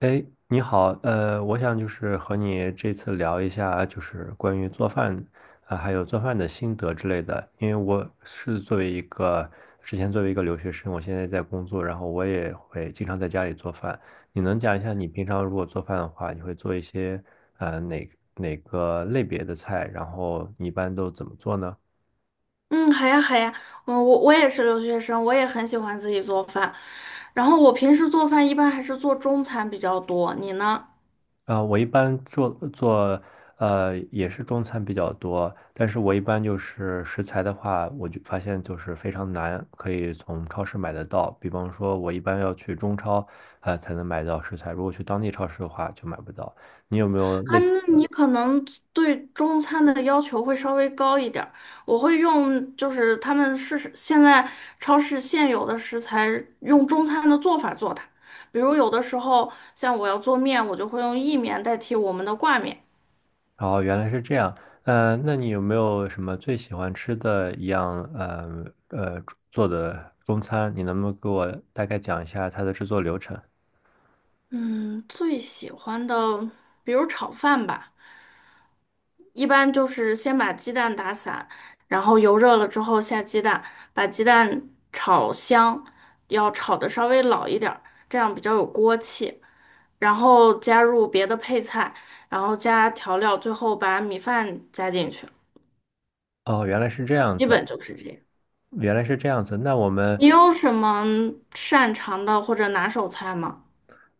哎，你好，我想就是和你这次聊一下，就是关于做饭啊，还有做饭的心得之类的。因为我是作为一个之前作为一个留学生，我现在在工作，然后我也会经常在家里做饭。你能讲一下你平常如果做饭的话，你会做一些呃哪哪个类别的菜，然后你一般都怎么做呢？嗯，好呀，好呀，我也是留学生，我也很喜欢自己做饭。然后我平时做饭一般还是做中餐比较多，你呢？啊，我一般做也是中餐比较多，但是我一般就是食材的话，我就发现就是非常难，可以从超市买得到。比方说，我一般要去中超，才能买到食材，如果去当地超市的话就买不到。你有没有啊，类似那你的？可能对中餐的要求会稍微高一点儿。我会用就是他们是现在超市现有的食材，用中餐的做法做它。比如有的时候像我要做面，我就会用意面代替我们的挂面。哦，原来是这样。那你有没有什么最喜欢吃的一样做的中餐？你能不能给我大概讲一下它的制作流程？嗯，最喜欢的，比如炒饭吧。一般就是先把鸡蛋打散，然后油热了之后下鸡蛋，把鸡蛋炒香，要炒的稍微老一点儿，这样比较有锅气。然后加入别的配菜，然后加调料，最后把米饭加进去，哦，原来是这样基子。本就是这样。原来是这样子，那我们，你有什么擅长的或者拿手菜吗？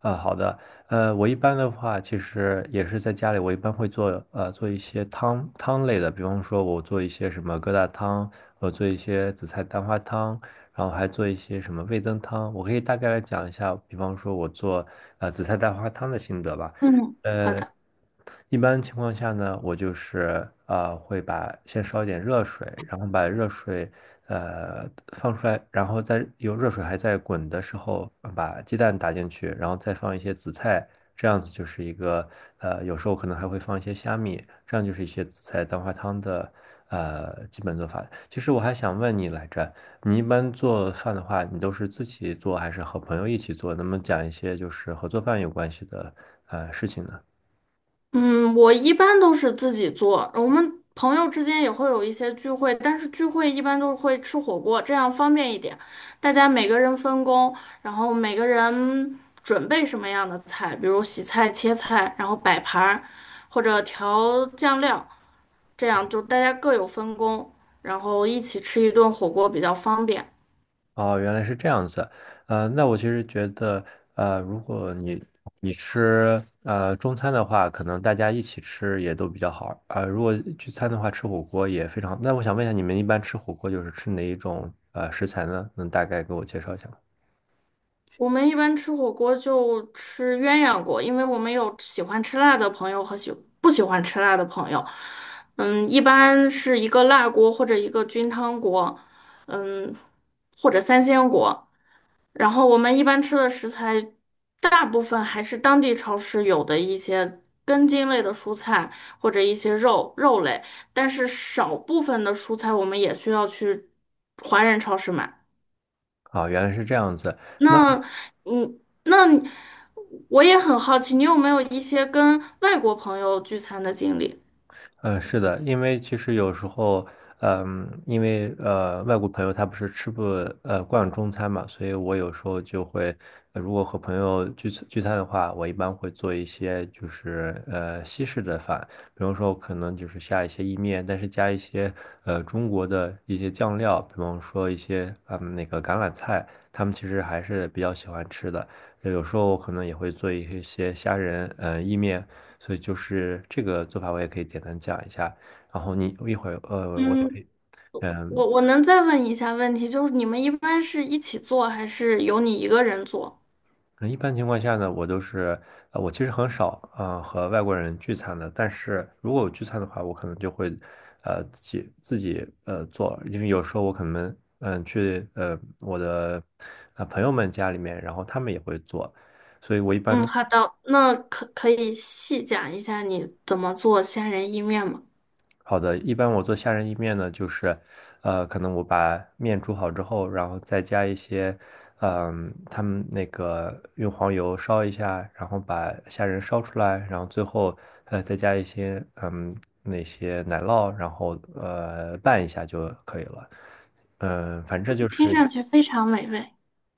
好的，我一般的话，其实也是在家里，我一般会做，做一些汤汤类的，比方说，我做一些什么疙瘩汤，我做一些紫菜蛋花汤，然后还做一些什么味增汤。我可以大概来讲一下，比方说我做，紫菜蛋花汤的心得吧。嗯，好呃，的。一般情况下呢，我就是会把先烧一点热水，然后把热水呃放出来，然后再有热水还在滚的时候，把鸡蛋打进去，然后再放一些紫菜，这样子就是一个有时候可能还会放一些虾米，这样就是一些紫菜蛋花汤的基本做法。其实我还想问你来着，你一般做饭的话，你都是自己做还是和朋友一起做？能不能讲一些就是和做饭有关系的事情呢？嗯，我一般都是自己做，我们朋友之间也会有一些聚会，但是聚会一般都会吃火锅，这样方便一点。大家每个人分工，然后每个人准备什么样的菜，比如洗菜、切菜，然后摆盘儿，或者调酱料，这样就大家各有分工，然后一起吃一顿火锅比较方便。哦，原来是这样子，那我其实觉得，如果你吃中餐的话，可能大家一起吃也都比较好，如果聚餐的话，吃火锅也非常。那我想问一下，你们一般吃火锅就是吃哪一种食材呢？能大概给我介绍一下吗？我们一般吃火锅就吃鸳鸯锅，因为我们有喜欢吃辣的朋友和不喜欢吃辣的朋友。一般是一个辣锅或者一个菌汤锅，嗯，或者三鲜锅。然后我们一般吃的食材，大部分还是当地超市有的一些根茎类的蔬菜或者一些肉肉类，但是少部分的蔬菜我们也需要去华人超市买。啊，原来是这样子。那。那嗯，那你我也很好奇，你有没有一些跟外国朋友聚餐的经历？嗯，是的，因为其实有时候，嗯，因为外国朋友他不是吃不惯中餐嘛，所以我有时候就会，如果和朋友聚餐的话，我一般会做一些就是西式的饭，比方说可能就是下一些意面，但是加一些中国的一些酱料，比方说一些那个橄榄菜，他们其实还是比较喜欢吃的。有时候我可能也会做一些虾仁意面。所以就是这个做法，我也可以简单讲一下。然后你一会儿，我也可嗯，以，嗯，我能再问一下问题，就是你们一般是一起做，还是由你一个人做？那一般情况下呢，我都是，我其实很少，和外国人聚餐的。但是如果我聚餐的话，我可能就会，自己做，因为有时候我可能，嗯、去我的朋友们家里面，然后他们也会做，所以我一嗯，般好的，那可以细讲一下你怎么做虾仁意面吗？好的，一般我做虾仁意面呢，就是，可能我把面煮好之后，然后再加一些，嗯，他们那个用黄油烧一下，然后把虾仁烧出来，然后最后，再加一些，嗯，那些奶酪，然后拌一下就可以了。嗯，反正就听是上去非常美味。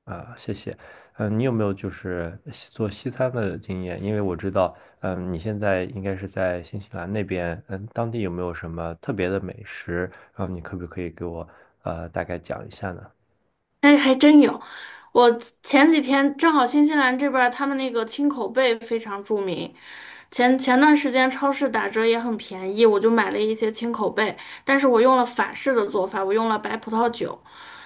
啊，谢谢。嗯，你有没有就是做西餐的经验？因为我知道，嗯，你现在应该是在新西兰那边，嗯，当地有没有什么特别的美食？然后你可不可以给我大概讲一下呢？哎，还真有。我前几天正好新西兰这边儿他们那个青口贝非常著名，前段时间超市打折也很便宜，我就买了一些青口贝，但是我用了法式的做法，我用了白葡萄酒，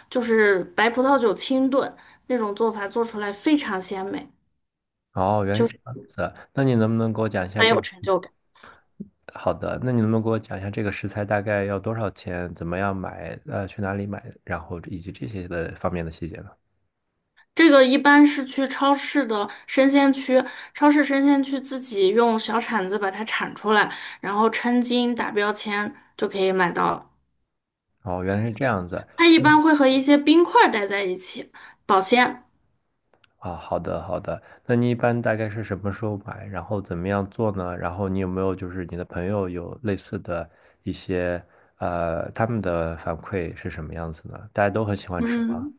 就是白葡萄酒清炖那种做法，做出来非常鲜美，哦，原来是这样子啊。那你能不能给我讲一下很这有个？成就感。好的，那你能不能给我讲一下这个食材大概要多少钱？怎么样买？去哪里买？然后以及这些的方面的细节呢？这个一般是去超市的生鲜区，超市生鲜区自己用小铲子把它铲出来，然后称斤打标签就可以买到了。哦，原来是这样子。它一般会和一些冰块儿待在一起保鲜。啊，好的好的，那你一般大概是什么时候买，然后怎么样做呢？然后你有没有就是你的朋友有类似的一些他们的反馈是什么样子呢？大家都很喜欢吃吗？嗯，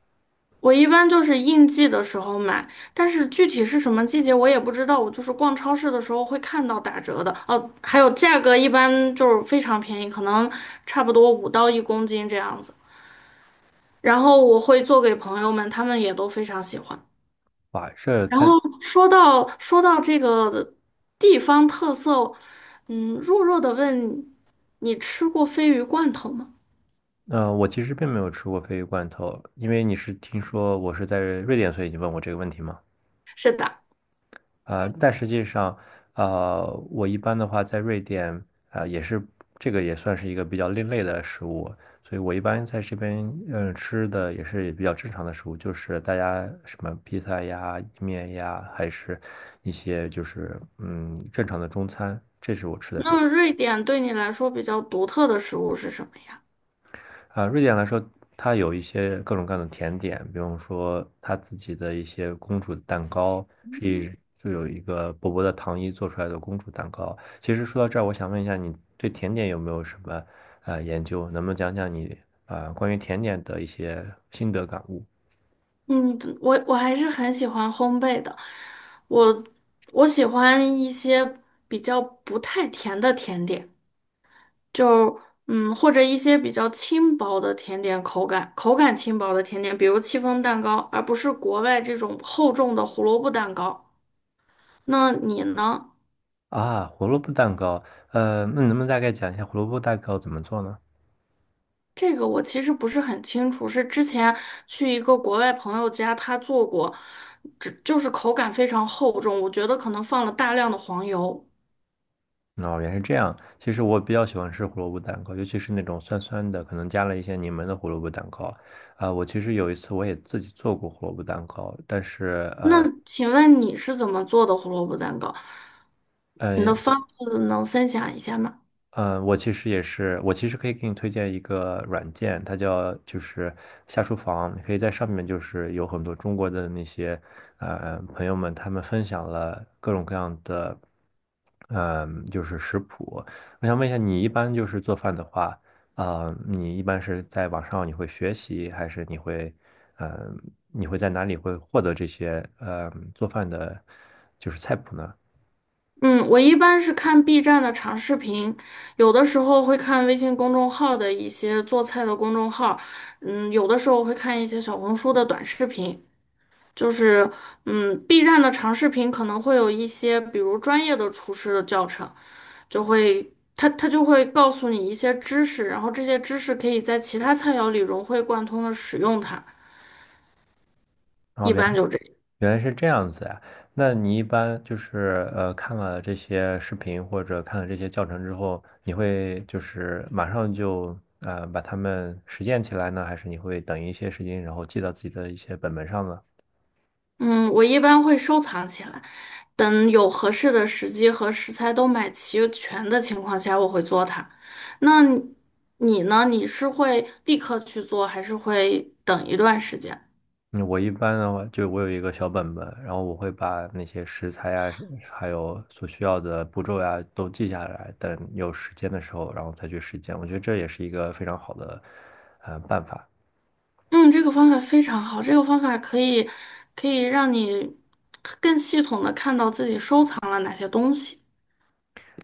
我一般就是应季的时候买，但是具体是什么季节我也不知道。我就是逛超市的时候会看到打折的，哦，还有价格一般就是非常便宜，可能差不多五到一公斤这样子。然后我会做给朋友们，他们也都非常喜欢。哇，这然看，后说到这个地方特色，弱弱的问你吃过鲱鱼罐头吗？我其实并没有吃过鲱鱼罐头，因为你是听说我是在瑞典，所以你问我这个问题吗？是的。但实际上，我一般的话在瑞典，啊、也是这个也算是一个比较另类的食物，所以我一般在这边，嗯、吃的也是比较正常的食物，就是大家什么披萨呀、意面呀，还是一些就是正常的中餐，这是我吃的比较。那瑞典对你来说比较独特的食物是什么呀？啊，瑞典来说，它有一些各种各样的甜点，比如说它自己的一些公主蛋糕，是以就有一个薄薄的糖衣做出来的公主蛋糕。其实说到这儿，我想问一下，你对甜点有没有什么研究？能不能讲讲你关于甜点的一些心得感悟？嗯，我还是很喜欢烘焙的，我我喜欢一些比较不太甜的甜点，就或者一些比较轻薄的甜点，口感轻薄的甜点，比如戚风蛋糕，而不是国外这种厚重的胡萝卜蛋糕。那你呢？啊，胡萝卜蛋糕，那你能不能大概讲一下胡萝卜蛋糕怎么做呢？这个我其实不是很清楚，是之前去一个国外朋友家，他做过，只就是口感非常厚重，我觉得可能放了大量的黄油。哦，原来是这样。其实我比较喜欢吃胡萝卜蛋糕，尤其是那种酸酸的，可能加了一些柠檬的胡萝卜蛋糕。啊、我其实有一次我也自己做过胡萝卜蛋糕，但是那请问你是怎么做的胡萝卜蛋糕？你嗯的方子能分享一下吗？我其实也是，我其实可以给你推荐一个软件，它叫就是下厨房，你可以在上面就是有很多中国的那些朋友们，他们分享了各种各样的。嗯，就是食谱。我想问一下，你一般就是做饭的话，啊、你一般是在网上你会学习，还是你会，嗯、你会在哪里会获得这些，做饭的，就是菜谱呢？嗯，我一般是看 B 站的长视频，有的时候会看微信公众号的一些做菜的公众号，嗯，有的时候会看一些小红书的短视频。就是，嗯，B 站的长视频可能会有一些，比如专业的厨师的教程，就会他他就会告诉你一些知识，然后这些知识可以在其他菜肴里融会贯通的使用它，然后一般就这样。原来是这样子呀、那你一般就是看了这些视频或者看了这些教程之后，你会就是马上就把它们实践起来呢，还是你会等一些时间，然后记到自己的一些本本上呢？嗯，我一般会收藏起来，等有合适的时机和食材都买齐全的情况下，我会做它。那你呢？你是会立刻去做，还是会等一段时间？嗯，我一般的话，就我有一个小本本，然后我会把那些食材呀，还有所需要的步骤呀，都记下来，等有时间的时候，然后再去实践。我觉得这也是一个非常好的，办法。嗯，这个方法非常好，这个方法可以让你更系统的看到自己收藏了哪些东西。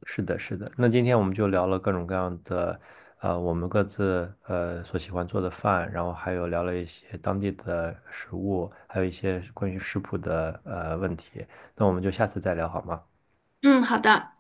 是的，是的。那今天我们就聊了各种各样的，我们各自所喜欢做的饭，然后还有聊了一些当地的食物，还有一些关于食谱的问题。那我们就下次再聊好吗？嗯，好的。